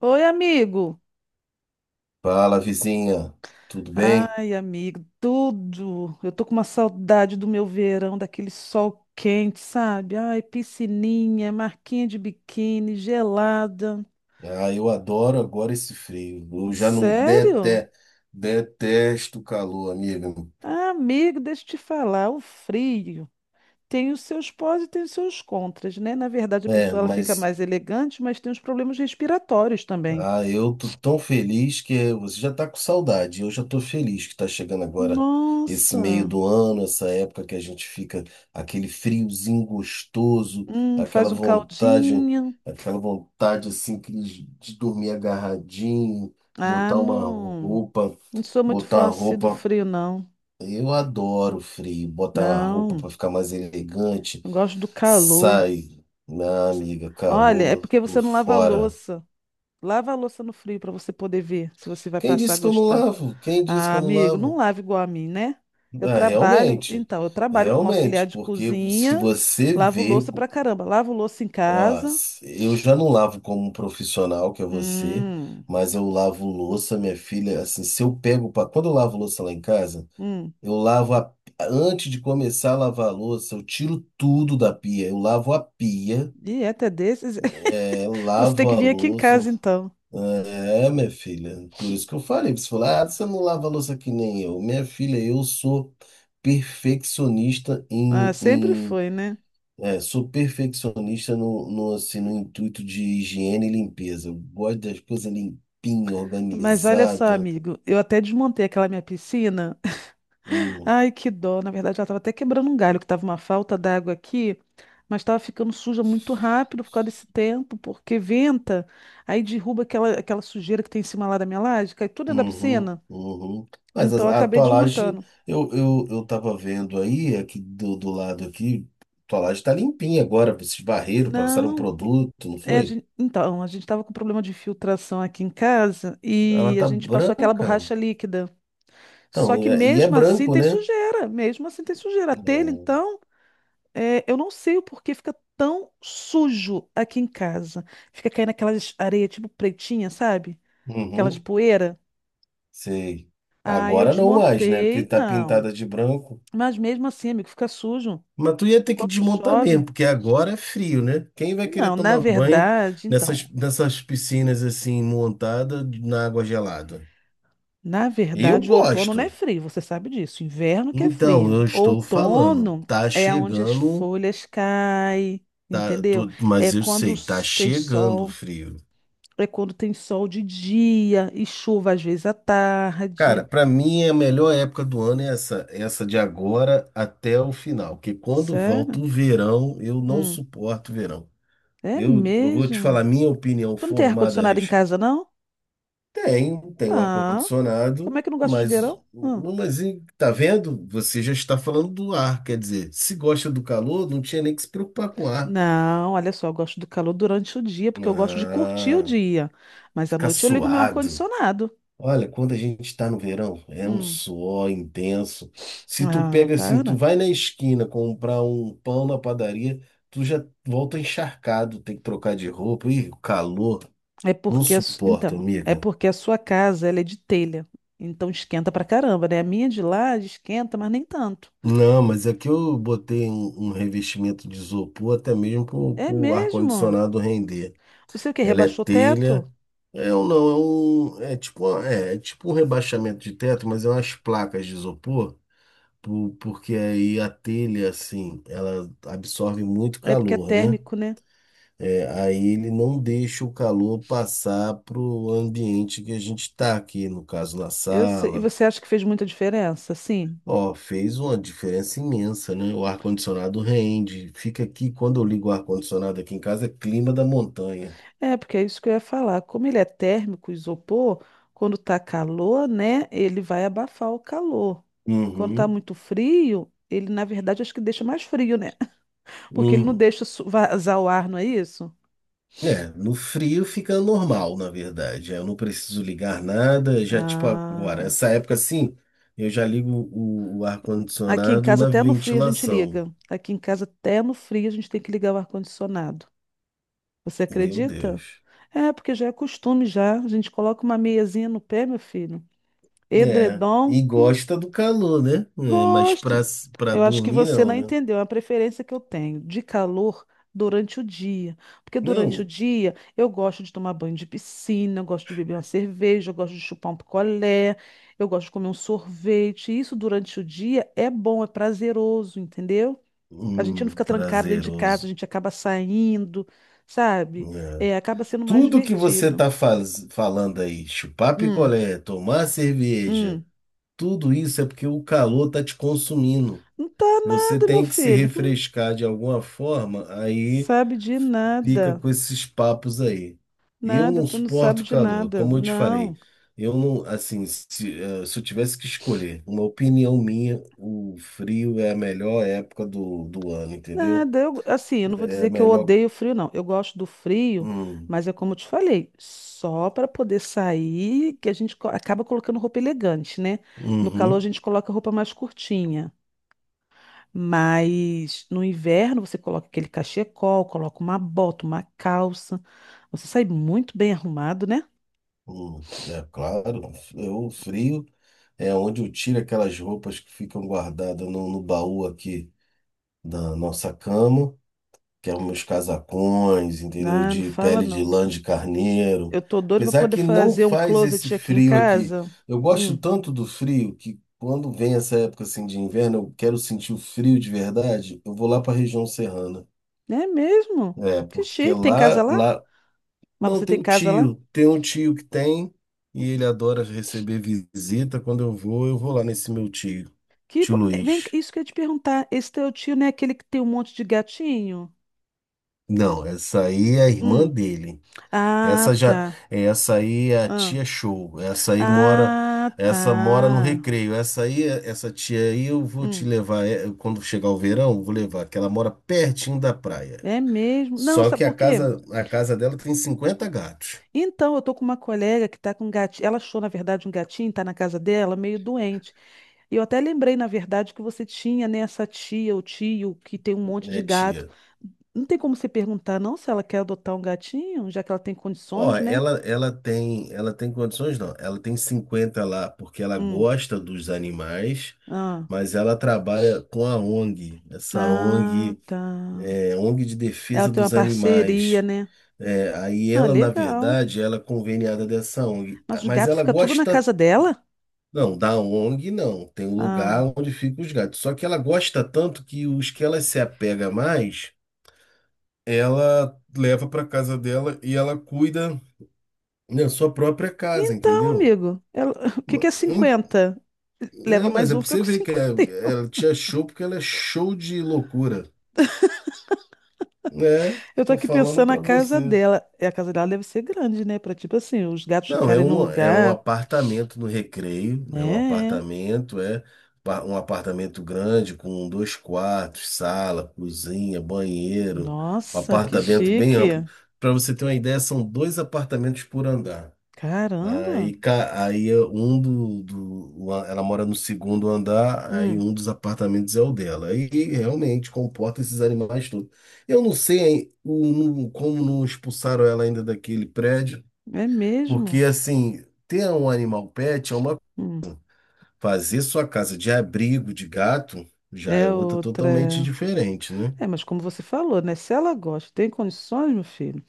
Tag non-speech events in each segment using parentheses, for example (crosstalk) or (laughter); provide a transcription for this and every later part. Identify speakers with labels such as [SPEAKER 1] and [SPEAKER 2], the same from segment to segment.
[SPEAKER 1] Oi, amigo.
[SPEAKER 2] Fala, vizinha, tudo bem?
[SPEAKER 1] Ai, amigo, tudo. Eu tô com uma saudade do meu verão, daquele sol quente, sabe? Ai, piscininha, marquinha de biquíni, gelada.
[SPEAKER 2] Ah, eu adoro agora esse frio. Eu já não
[SPEAKER 1] Sério?
[SPEAKER 2] dete- Detesto o calor, amigo.
[SPEAKER 1] Ah, amigo, deixa eu te falar, o frio tem os seus pós e tem os seus contras, né? Na verdade, a
[SPEAKER 2] É,
[SPEAKER 1] pessoa ela fica
[SPEAKER 2] mas
[SPEAKER 1] mais elegante, mas tem os problemas respiratórios também.
[SPEAKER 2] eu tô tão feliz que você já tá com saudade. Eu já tô feliz que tá chegando agora esse meio
[SPEAKER 1] Nossa,
[SPEAKER 2] do ano, essa época que a gente fica aquele friozinho gostoso, aquela
[SPEAKER 1] faz um
[SPEAKER 2] vontade,
[SPEAKER 1] caldinho.
[SPEAKER 2] aquela vontade assim que de dormir agarradinho,
[SPEAKER 1] Ah,
[SPEAKER 2] botar uma
[SPEAKER 1] não,
[SPEAKER 2] roupa,
[SPEAKER 1] não sou muito
[SPEAKER 2] botar
[SPEAKER 1] fã
[SPEAKER 2] uma
[SPEAKER 1] assim do
[SPEAKER 2] roupa
[SPEAKER 1] frio, não.
[SPEAKER 2] Eu adoro frio, botar uma roupa
[SPEAKER 1] Não,
[SPEAKER 2] para ficar mais elegante.
[SPEAKER 1] eu gosto do calor.
[SPEAKER 2] Sai, minha amiga,
[SPEAKER 1] Olha, é
[SPEAKER 2] calor,
[SPEAKER 1] porque
[SPEAKER 2] tô
[SPEAKER 1] você não lava a
[SPEAKER 2] fora.
[SPEAKER 1] louça. Lava a louça no frio para você poder ver se você vai
[SPEAKER 2] Quem
[SPEAKER 1] passar a
[SPEAKER 2] disse que eu não
[SPEAKER 1] gostar.
[SPEAKER 2] lavo? Quem disse que
[SPEAKER 1] Ah,
[SPEAKER 2] eu não
[SPEAKER 1] amigo, não
[SPEAKER 2] lavo?
[SPEAKER 1] lava igual a mim, né? Eu
[SPEAKER 2] Ah,
[SPEAKER 1] trabalho,
[SPEAKER 2] realmente,
[SPEAKER 1] então, eu trabalho como auxiliar
[SPEAKER 2] realmente,
[SPEAKER 1] de
[SPEAKER 2] porque se
[SPEAKER 1] cozinha,
[SPEAKER 2] você
[SPEAKER 1] lavo
[SPEAKER 2] vê,
[SPEAKER 1] louça pra caramba, lavo louça em
[SPEAKER 2] ó,
[SPEAKER 1] casa.
[SPEAKER 2] eu já não lavo como um profissional, que é você,
[SPEAKER 1] Hum,
[SPEAKER 2] mas eu lavo louça, minha filha, assim, se eu pego, pra, quando eu lavo louça lá em casa,
[SPEAKER 1] hum,
[SPEAKER 2] Eu lavo a... antes de começar a lavar a louça, eu tiro tudo da pia. Eu lavo a pia,
[SPEAKER 1] dieta desses.
[SPEAKER 2] é,
[SPEAKER 1] (laughs) Você tem
[SPEAKER 2] lavo
[SPEAKER 1] que
[SPEAKER 2] a
[SPEAKER 1] vir aqui em
[SPEAKER 2] louça.
[SPEAKER 1] casa, então.
[SPEAKER 2] É, minha filha. Por isso que eu falei. Você falou: ah, você não lava a louça que nem eu. Minha filha, eu sou perfeccionista
[SPEAKER 1] Ah,
[SPEAKER 2] em...
[SPEAKER 1] sempre
[SPEAKER 2] em-
[SPEAKER 1] foi, né?
[SPEAKER 2] é, sou perfeccionista no, assim, no intuito de higiene e limpeza. Eu gosto das coisas limpinhas,
[SPEAKER 1] Mas olha só,
[SPEAKER 2] organizadas.
[SPEAKER 1] amigo, eu até desmontei aquela minha piscina. Ai, que dó. Na verdade, ela estava até quebrando um galho, que estava uma falta d'água aqui, mas estava ficando suja muito rápido por causa desse tempo, porque venta, aí derruba aquela sujeira que tem em cima lá da minha laje, cai tudo dentro da
[SPEAKER 2] Uhum,
[SPEAKER 1] piscina.
[SPEAKER 2] uhum. Mas
[SPEAKER 1] Então, eu
[SPEAKER 2] a, a
[SPEAKER 1] acabei
[SPEAKER 2] tua laje,
[SPEAKER 1] desmontando.
[SPEAKER 2] eu tava vendo aí, aqui do lado aqui, tua laje tá limpinha agora, esses barreiros passaram um
[SPEAKER 1] Não,
[SPEAKER 2] produto, não
[SPEAKER 1] é, a
[SPEAKER 2] foi?
[SPEAKER 1] gente, então, a gente estava com problema de filtração aqui em casa
[SPEAKER 2] Ela
[SPEAKER 1] e a
[SPEAKER 2] tá
[SPEAKER 1] gente passou aquela
[SPEAKER 2] branca.
[SPEAKER 1] borracha líquida. Só
[SPEAKER 2] Então,
[SPEAKER 1] que
[SPEAKER 2] e é
[SPEAKER 1] mesmo assim
[SPEAKER 2] branco,
[SPEAKER 1] tem
[SPEAKER 2] né?
[SPEAKER 1] sujeira, mesmo assim tem sujeira. A telha,
[SPEAKER 2] Hum,
[SPEAKER 1] então. É, eu não sei o porquê fica tão sujo aqui em casa. Fica caindo aquelas areias tipo pretinha, sabe? Aquelas
[SPEAKER 2] uhum,
[SPEAKER 1] poeira.
[SPEAKER 2] sei.
[SPEAKER 1] Aí eu
[SPEAKER 2] Agora não mais, né? Porque
[SPEAKER 1] desmontei.
[SPEAKER 2] tá
[SPEAKER 1] Não.
[SPEAKER 2] pintada de branco.
[SPEAKER 1] Mas mesmo assim, amigo, fica sujo.
[SPEAKER 2] Mas tu ia ter que
[SPEAKER 1] Quando
[SPEAKER 2] desmontar mesmo,
[SPEAKER 1] chove.
[SPEAKER 2] porque agora é frio, né? Quem vai querer
[SPEAKER 1] Não, na
[SPEAKER 2] tomar banho
[SPEAKER 1] verdade,
[SPEAKER 2] nessas,
[SPEAKER 1] então.
[SPEAKER 2] nessas piscinas assim, montadas na água gelada?
[SPEAKER 1] Na
[SPEAKER 2] Eu
[SPEAKER 1] verdade, o outono não é
[SPEAKER 2] gosto.
[SPEAKER 1] frio, você sabe disso. Inverno que é
[SPEAKER 2] Então, eu
[SPEAKER 1] frio.
[SPEAKER 2] estou falando,
[SPEAKER 1] Outono
[SPEAKER 2] tá
[SPEAKER 1] é onde as
[SPEAKER 2] chegando,
[SPEAKER 1] folhas caem, entendeu? É
[SPEAKER 2] mas eu
[SPEAKER 1] quando
[SPEAKER 2] sei, tá
[SPEAKER 1] tem
[SPEAKER 2] chegando o
[SPEAKER 1] sol.
[SPEAKER 2] frio.
[SPEAKER 1] É quando tem sol de dia e chuva às vezes à
[SPEAKER 2] Cara,
[SPEAKER 1] tarde.
[SPEAKER 2] para mim é a melhor época do ano é essa de agora até o final, porque quando volta
[SPEAKER 1] Sério?
[SPEAKER 2] o verão, eu não
[SPEAKER 1] Hum,
[SPEAKER 2] suporto o verão.
[SPEAKER 1] é
[SPEAKER 2] Eu vou te
[SPEAKER 1] mesmo?
[SPEAKER 2] falar minha opinião
[SPEAKER 1] Tu não tem
[SPEAKER 2] formada a
[SPEAKER 1] ar-condicionado em
[SPEAKER 2] respeito.
[SPEAKER 1] casa, não?
[SPEAKER 2] Tem o
[SPEAKER 1] Ah,
[SPEAKER 2] ar-condicionado,
[SPEAKER 1] como é que eu não gosto de verão? Hum.
[SPEAKER 2] tá vendo? Você já está falando do ar, quer dizer, se gosta do calor, não tinha nem que se preocupar com o ar.
[SPEAKER 1] Não, olha só, eu gosto do calor durante o dia, porque eu gosto de curtir o
[SPEAKER 2] Ah.
[SPEAKER 1] dia. Mas à
[SPEAKER 2] Ficar
[SPEAKER 1] noite eu ligo meu
[SPEAKER 2] suado.
[SPEAKER 1] ar-condicionado.
[SPEAKER 2] Olha, quando a gente está no verão, é um
[SPEAKER 1] Hum.
[SPEAKER 2] suor intenso. Se tu
[SPEAKER 1] Ah,
[SPEAKER 2] pega assim, tu
[SPEAKER 1] para.
[SPEAKER 2] vai na esquina comprar um pão na padaria, tu já volta encharcado, tem que trocar de roupa. Ih, o calor,
[SPEAKER 1] É
[SPEAKER 2] não
[SPEAKER 1] porque,
[SPEAKER 2] suporta,
[SPEAKER 1] então, é
[SPEAKER 2] amiga.
[SPEAKER 1] porque a sua casa, ela é de telha. Então esquenta pra caramba, né? A minha de lá esquenta, mas nem tanto.
[SPEAKER 2] Não, mas aqui eu botei um revestimento de isopor até mesmo para
[SPEAKER 1] É
[SPEAKER 2] o
[SPEAKER 1] mesmo?
[SPEAKER 2] ar-condicionado render.
[SPEAKER 1] Você o quê?
[SPEAKER 2] Ela é
[SPEAKER 1] Rebaixou o teto?
[SPEAKER 2] telha. É um não, é um. É tipo, é, é tipo um rebaixamento de teto, mas é umas placas de isopor. Porque aí a telha, assim, ela absorve muito
[SPEAKER 1] É porque é
[SPEAKER 2] calor, né?
[SPEAKER 1] térmico, né?
[SPEAKER 2] É, aí ele não deixa o calor passar para o ambiente que a gente está aqui, no caso na
[SPEAKER 1] E
[SPEAKER 2] sala.
[SPEAKER 1] você acha que fez muita diferença? Sim.
[SPEAKER 2] Ó, fez uma diferença imensa, né? O ar-condicionado rende. Fica aqui, quando eu ligo o ar-condicionado aqui em casa, é clima da montanha.
[SPEAKER 1] É, porque é isso que eu ia falar. Como ele é térmico, o isopor, quando tá calor, né? Ele vai abafar o calor. Quando tá
[SPEAKER 2] Uhum.
[SPEAKER 1] muito frio, ele, na verdade, acho que deixa mais frio, né? (laughs) Porque ele não
[SPEAKER 2] Uhum.
[SPEAKER 1] deixa vazar o ar, não é isso?
[SPEAKER 2] É, no frio fica normal, na verdade. Eu não preciso ligar nada, já tipo agora,
[SPEAKER 1] Ah.
[SPEAKER 2] essa época assim, eu já ligo o
[SPEAKER 1] Aqui em
[SPEAKER 2] ar-condicionado
[SPEAKER 1] casa,
[SPEAKER 2] na
[SPEAKER 1] até no frio, a gente
[SPEAKER 2] ventilação.
[SPEAKER 1] liga. Aqui em casa, até no frio, a gente tem que ligar o ar-condicionado. Você
[SPEAKER 2] Meu
[SPEAKER 1] acredita?
[SPEAKER 2] Deus.
[SPEAKER 1] É, porque já é costume já. A gente coloca uma meiazinha no pé, meu filho.
[SPEAKER 2] É,
[SPEAKER 1] Edredom,
[SPEAKER 2] e gosta do calor, né? É, mas pra,
[SPEAKER 1] gosto.
[SPEAKER 2] s- pra
[SPEAKER 1] Eu acho que
[SPEAKER 2] dormir
[SPEAKER 1] você
[SPEAKER 2] não,
[SPEAKER 1] não
[SPEAKER 2] né?
[SPEAKER 1] entendeu a preferência que eu tenho de calor durante o dia. Porque durante o
[SPEAKER 2] Não,
[SPEAKER 1] dia eu gosto de tomar banho de piscina, eu gosto de beber uma cerveja, eu gosto de chupar um picolé, eu gosto de comer um sorvete. Isso durante o dia é bom, é prazeroso, entendeu? A gente não fica trancado dentro de casa, a
[SPEAKER 2] prazeroso.
[SPEAKER 1] gente acaba saindo, sabe?
[SPEAKER 2] É.
[SPEAKER 1] É, acaba sendo mais
[SPEAKER 2] Tudo que você
[SPEAKER 1] divertido.
[SPEAKER 2] tá faz, falando aí, chupar
[SPEAKER 1] Hum,
[SPEAKER 2] picolé, tomar cerveja,
[SPEAKER 1] hum.
[SPEAKER 2] tudo isso é porque o calor tá te consumindo.
[SPEAKER 1] Não tá
[SPEAKER 2] Você
[SPEAKER 1] nada, meu
[SPEAKER 2] tem que se
[SPEAKER 1] filho.
[SPEAKER 2] refrescar de alguma forma, aí
[SPEAKER 1] Sabe de
[SPEAKER 2] fica
[SPEAKER 1] nada.
[SPEAKER 2] com esses papos aí. E eu
[SPEAKER 1] Nada,
[SPEAKER 2] não
[SPEAKER 1] tu não sabe
[SPEAKER 2] suporto
[SPEAKER 1] de
[SPEAKER 2] calor,
[SPEAKER 1] nada.
[SPEAKER 2] como eu te falei.
[SPEAKER 1] Não,
[SPEAKER 2] Eu não, assim, se eu tivesse que escolher, uma opinião minha, o frio é a melhor época do ano, entendeu?
[SPEAKER 1] nada. Eu, assim, eu não vou
[SPEAKER 2] É a
[SPEAKER 1] dizer que eu
[SPEAKER 2] melhor.
[SPEAKER 1] odeio frio, não. Eu gosto do frio,
[SPEAKER 2] Hum,
[SPEAKER 1] mas é como eu te falei, só para poder sair que a gente acaba colocando roupa elegante, né? No calor a
[SPEAKER 2] uhum,
[SPEAKER 1] gente coloca roupa mais curtinha. Mas no inverno você coloca aquele cachecol, coloca uma bota, uma calça. Você sai muito bem arrumado, né?
[SPEAKER 2] é claro, eu, o frio é onde eu tiro aquelas roupas que ficam guardadas no baú aqui da nossa cama. Que é meus casacões, entendeu?
[SPEAKER 1] Ah, não
[SPEAKER 2] De
[SPEAKER 1] fala
[SPEAKER 2] pele de
[SPEAKER 1] não.
[SPEAKER 2] lã de carneiro.
[SPEAKER 1] Eu tô doida pra
[SPEAKER 2] Apesar
[SPEAKER 1] poder
[SPEAKER 2] que não
[SPEAKER 1] fazer um
[SPEAKER 2] faz esse
[SPEAKER 1] closet aqui em
[SPEAKER 2] frio aqui.
[SPEAKER 1] casa.
[SPEAKER 2] Eu gosto
[SPEAKER 1] Hum,
[SPEAKER 2] tanto do frio que quando vem essa época assim de inverno, eu quero sentir o frio de verdade, eu vou lá para a região serrana.
[SPEAKER 1] é mesmo?
[SPEAKER 2] É,
[SPEAKER 1] Que
[SPEAKER 2] porque
[SPEAKER 1] chique. Tem
[SPEAKER 2] lá,
[SPEAKER 1] casa lá?
[SPEAKER 2] lá
[SPEAKER 1] Mas
[SPEAKER 2] não
[SPEAKER 1] você
[SPEAKER 2] tem
[SPEAKER 1] tem
[SPEAKER 2] o
[SPEAKER 1] casa lá?
[SPEAKER 2] tio, tem um tio que tem e ele adora receber visita. Quando eu vou lá nesse meu tio, tio
[SPEAKER 1] Vem cá,
[SPEAKER 2] Luiz.
[SPEAKER 1] isso que eu ia te perguntar. Esse teu tio não é aquele que tem um monte de gatinho?
[SPEAKER 2] Não, essa aí é a irmã
[SPEAKER 1] Hum.
[SPEAKER 2] dele.
[SPEAKER 1] Ah,
[SPEAKER 2] Essa já,
[SPEAKER 1] tá.
[SPEAKER 2] essa aí é a
[SPEAKER 1] Ah,
[SPEAKER 2] tia show.
[SPEAKER 1] ah,
[SPEAKER 2] Essa mora no
[SPEAKER 1] tá.
[SPEAKER 2] Recreio. Essa tia aí eu vou te
[SPEAKER 1] Hum.
[SPEAKER 2] levar é, quando chegar o verão, eu vou levar, que ela mora pertinho da praia.
[SPEAKER 1] É mesmo? Não,
[SPEAKER 2] Só
[SPEAKER 1] sabe
[SPEAKER 2] que a
[SPEAKER 1] por quê?
[SPEAKER 2] casa, a casa dela tem cinquenta gatos,
[SPEAKER 1] Então, eu tô com uma colega que tá com um gatinho. Ela achou, na verdade, um gatinho, tá na casa dela, meio doente. E eu até lembrei, na verdade, que você tinha, né, essa tia ou tio que tem um monte de
[SPEAKER 2] né,
[SPEAKER 1] gato.
[SPEAKER 2] tia?
[SPEAKER 1] Não tem como você perguntar, não, se ela quer adotar um gatinho, já que ela tem
[SPEAKER 2] Ó,
[SPEAKER 1] condições, né?
[SPEAKER 2] ela tem condições não. Ela tem 50 lá porque ela
[SPEAKER 1] Hum.
[SPEAKER 2] gosta dos animais,
[SPEAKER 1] Ah.
[SPEAKER 2] mas ela trabalha com a ONG,
[SPEAKER 1] Ah, tá.
[SPEAKER 2] ONG de
[SPEAKER 1] Ela
[SPEAKER 2] defesa
[SPEAKER 1] tem uma
[SPEAKER 2] dos
[SPEAKER 1] parceria,
[SPEAKER 2] animais.
[SPEAKER 1] né?
[SPEAKER 2] É, aí
[SPEAKER 1] Ah,
[SPEAKER 2] ela, na
[SPEAKER 1] legal.
[SPEAKER 2] verdade, ela é conveniada dessa ONG,
[SPEAKER 1] Mas o
[SPEAKER 2] mas
[SPEAKER 1] gato
[SPEAKER 2] ela
[SPEAKER 1] fica tudo na
[SPEAKER 2] gosta,
[SPEAKER 1] casa dela?
[SPEAKER 2] não, da ONG não, tem um lugar
[SPEAKER 1] Ah.
[SPEAKER 2] onde ficam os gatos. Só que ela gosta tanto que os que ela se apega mais, ela leva para casa dela e ela cuida na sua própria casa,
[SPEAKER 1] Então,
[SPEAKER 2] entendeu?
[SPEAKER 1] amigo, (laughs) o que que
[SPEAKER 2] Ma-
[SPEAKER 1] é
[SPEAKER 2] em-
[SPEAKER 1] 50?
[SPEAKER 2] É,
[SPEAKER 1] Leva
[SPEAKER 2] mas
[SPEAKER 1] mais
[SPEAKER 2] é
[SPEAKER 1] um,
[SPEAKER 2] pra
[SPEAKER 1] fica
[SPEAKER 2] você
[SPEAKER 1] com
[SPEAKER 2] ver
[SPEAKER 1] 50.
[SPEAKER 2] ela te achou porque ela é show de loucura. É,
[SPEAKER 1] Eu tô
[SPEAKER 2] estou
[SPEAKER 1] aqui
[SPEAKER 2] falando
[SPEAKER 1] pensando na
[SPEAKER 2] para
[SPEAKER 1] casa
[SPEAKER 2] você.
[SPEAKER 1] dela. E a casa dela deve ser grande, né? Pra, tipo assim, os gatos
[SPEAKER 2] Não, é
[SPEAKER 1] ficarem no
[SPEAKER 2] um, é um
[SPEAKER 1] lugar.
[SPEAKER 2] apartamento no Recreio, né?
[SPEAKER 1] É, é.
[SPEAKER 2] Um apartamento grande com dois quartos, sala, cozinha, banheiro, um
[SPEAKER 1] Nossa, que
[SPEAKER 2] apartamento bem amplo.
[SPEAKER 1] chique.
[SPEAKER 2] Para você ter uma ideia, são dois apartamentos por andar.
[SPEAKER 1] Caramba.
[SPEAKER 2] Aí, ca- aí é um do, do, o a- ela mora no segundo andar, aí
[SPEAKER 1] Hum,
[SPEAKER 2] um dos apartamentos é o dela. E realmente comporta esses animais todos. Eu não sei hein, como não expulsaram ela ainda daquele prédio.
[SPEAKER 1] é mesmo.
[SPEAKER 2] Porque, assim, ter um animal pet é uma.
[SPEAKER 1] Hum,
[SPEAKER 2] Fazer sua casa de abrigo de gato já é
[SPEAKER 1] é
[SPEAKER 2] outra totalmente
[SPEAKER 1] outra.
[SPEAKER 2] diferente, né?
[SPEAKER 1] É, mas como você falou, né? Se ela gosta, tem condições, meu filho.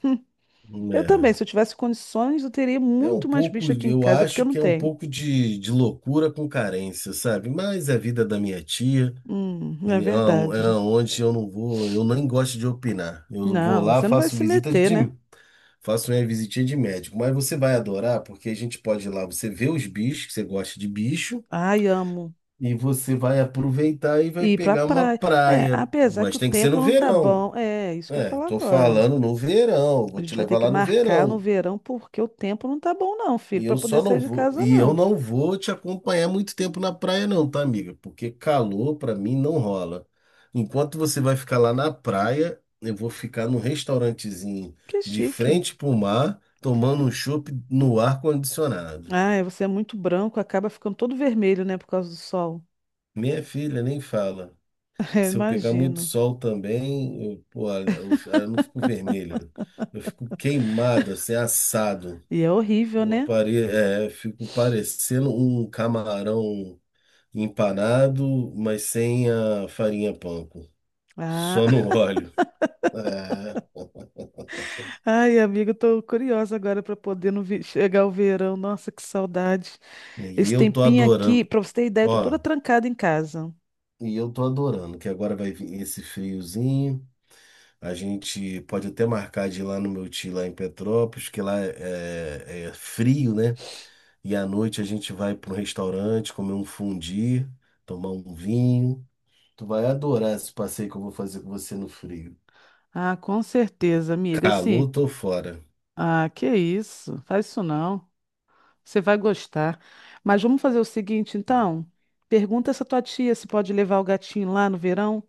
[SPEAKER 1] Eu também, se eu tivesse condições, eu teria
[SPEAKER 2] É, é um
[SPEAKER 1] muito mais
[SPEAKER 2] pouco,
[SPEAKER 1] bicho aqui em
[SPEAKER 2] eu
[SPEAKER 1] casa, porque eu
[SPEAKER 2] acho
[SPEAKER 1] não
[SPEAKER 2] que é um
[SPEAKER 1] tenho.
[SPEAKER 2] pouco de loucura com carência, sabe? Mas é a vida da minha tia,
[SPEAKER 1] É
[SPEAKER 2] é
[SPEAKER 1] verdade.
[SPEAKER 2] onde eu não vou, eu nem gosto de opinar. Eu vou
[SPEAKER 1] Não,
[SPEAKER 2] lá,
[SPEAKER 1] você não vai
[SPEAKER 2] faço
[SPEAKER 1] se
[SPEAKER 2] visita
[SPEAKER 1] meter,
[SPEAKER 2] de.
[SPEAKER 1] né?
[SPEAKER 2] Faço minha visitinha de médico, mas você vai adorar, porque a gente pode ir lá, você vê os bichos, que você gosta de bicho.
[SPEAKER 1] Ai, amo.
[SPEAKER 2] E você vai aproveitar e vai
[SPEAKER 1] Ir pra
[SPEAKER 2] pegar uma
[SPEAKER 1] praia. É,
[SPEAKER 2] praia.
[SPEAKER 1] apesar que
[SPEAKER 2] Mas
[SPEAKER 1] o
[SPEAKER 2] tem que ser
[SPEAKER 1] tempo
[SPEAKER 2] no
[SPEAKER 1] não tá
[SPEAKER 2] verão.
[SPEAKER 1] bom. É, isso que eu ia
[SPEAKER 2] É,
[SPEAKER 1] falar
[SPEAKER 2] tô
[SPEAKER 1] agora.
[SPEAKER 2] falando no verão.
[SPEAKER 1] A
[SPEAKER 2] Vou te
[SPEAKER 1] gente vai ter
[SPEAKER 2] levar
[SPEAKER 1] que
[SPEAKER 2] lá no
[SPEAKER 1] marcar no
[SPEAKER 2] verão.
[SPEAKER 1] verão porque o tempo não tá bom, não,
[SPEAKER 2] E
[SPEAKER 1] filho, pra
[SPEAKER 2] eu
[SPEAKER 1] poder
[SPEAKER 2] só não
[SPEAKER 1] sair de
[SPEAKER 2] vou,
[SPEAKER 1] casa,
[SPEAKER 2] e eu
[SPEAKER 1] não.
[SPEAKER 2] não vou te acompanhar muito tempo na praia não, tá, amiga? Porque calor pra mim não rola. Enquanto você vai ficar lá na praia, eu vou ficar num restaurantezinho
[SPEAKER 1] Que
[SPEAKER 2] de
[SPEAKER 1] chique.
[SPEAKER 2] frente pro mar, tomando um chopp no ar condicionado.
[SPEAKER 1] Ah, é, você é muito branco, acaba ficando todo vermelho, né, por causa do sol.
[SPEAKER 2] Minha filha nem fala.
[SPEAKER 1] (laughs) Eu
[SPEAKER 2] Se eu pegar muito
[SPEAKER 1] imagino.
[SPEAKER 2] sol também, eu, pô, eu, fi- ah, eu não fico vermelho. Eu fico queimado, assim, assado.
[SPEAKER 1] E é horrível,
[SPEAKER 2] Eu
[SPEAKER 1] né?
[SPEAKER 2] parei, é, eu fico parecendo um camarão empanado, mas sem a farinha panko.
[SPEAKER 1] Ah,
[SPEAKER 2] Só no (laughs) óleo. É,
[SPEAKER 1] (laughs) ai, amiga, eu tô curiosa agora pra poder no vi- chegar o verão. Nossa, que saudade.
[SPEAKER 2] e
[SPEAKER 1] Esse
[SPEAKER 2] eu tô
[SPEAKER 1] tempinho aqui,
[SPEAKER 2] adorando.
[SPEAKER 1] pra você ter ideia, eu tô toda
[SPEAKER 2] Ó,
[SPEAKER 1] trancada em casa.
[SPEAKER 2] e eu tô adorando, que agora vai vir esse friozinho. A gente pode até marcar de lá no meu tio, lá em Petrópolis, que lá é, é frio, né? E à noite a gente vai para um restaurante, comer um fundi, tomar um vinho. Tu vai adorar esse passeio que eu vou fazer com você no frio.
[SPEAKER 1] Ah, com certeza, amiga. Assim.
[SPEAKER 2] Calor, tô fora.
[SPEAKER 1] Ah, que isso? Faz isso não. Você vai gostar. Mas vamos fazer o seguinte, então. Pergunta essa tua tia se pode levar o gatinho lá no verão.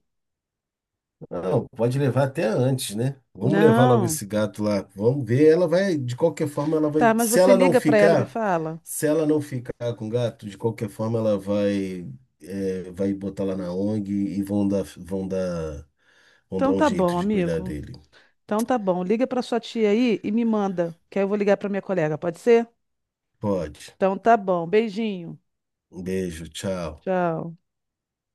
[SPEAKER 2] Não, pode levar até antes, né? Vamos levar logo
[SPEAKER 1] Não.
[SPEAKER 2] esse gato lá. Vamos ver. Ela vai, de qualquer forma, ela vai.
[SPEAKER 1] Tá, mas
[SPEAKER 2] Se
[SPEAKER 1] você
[SPEAKER 2] ela não
[SPEAKER 1] liga pra ela e me
[SPEAKER 2] ficar,
[SPEAKER 1] fala?
[SPEAKER 2] se ela não ficar com o gato, de qualquer forma, ela vai, é, vai botar lá na ONG e vão dar
[SPEAKER 1] Então
[SPEAKER 2] um
[SPEAKER 1] tá
[SPEAKER 2] jeito
[SPEAKER 1] bom,
[SPEAKER 2] de cuidar
[SPEAKER 1] amigo.
[SPEAKER 2] dele.
[SPEAKER 1] Então tá bom. Liga pra sua tia aí e me manda, que aí eu vou ligar pra minha colega, pode ser?
[SPEAKER 2] Pode.
[SPEAKER 1] Então tá bom. Beijinho.
[SPEAKER 2] Um beijo, tchau.
[SPEAKER 1] Tchau.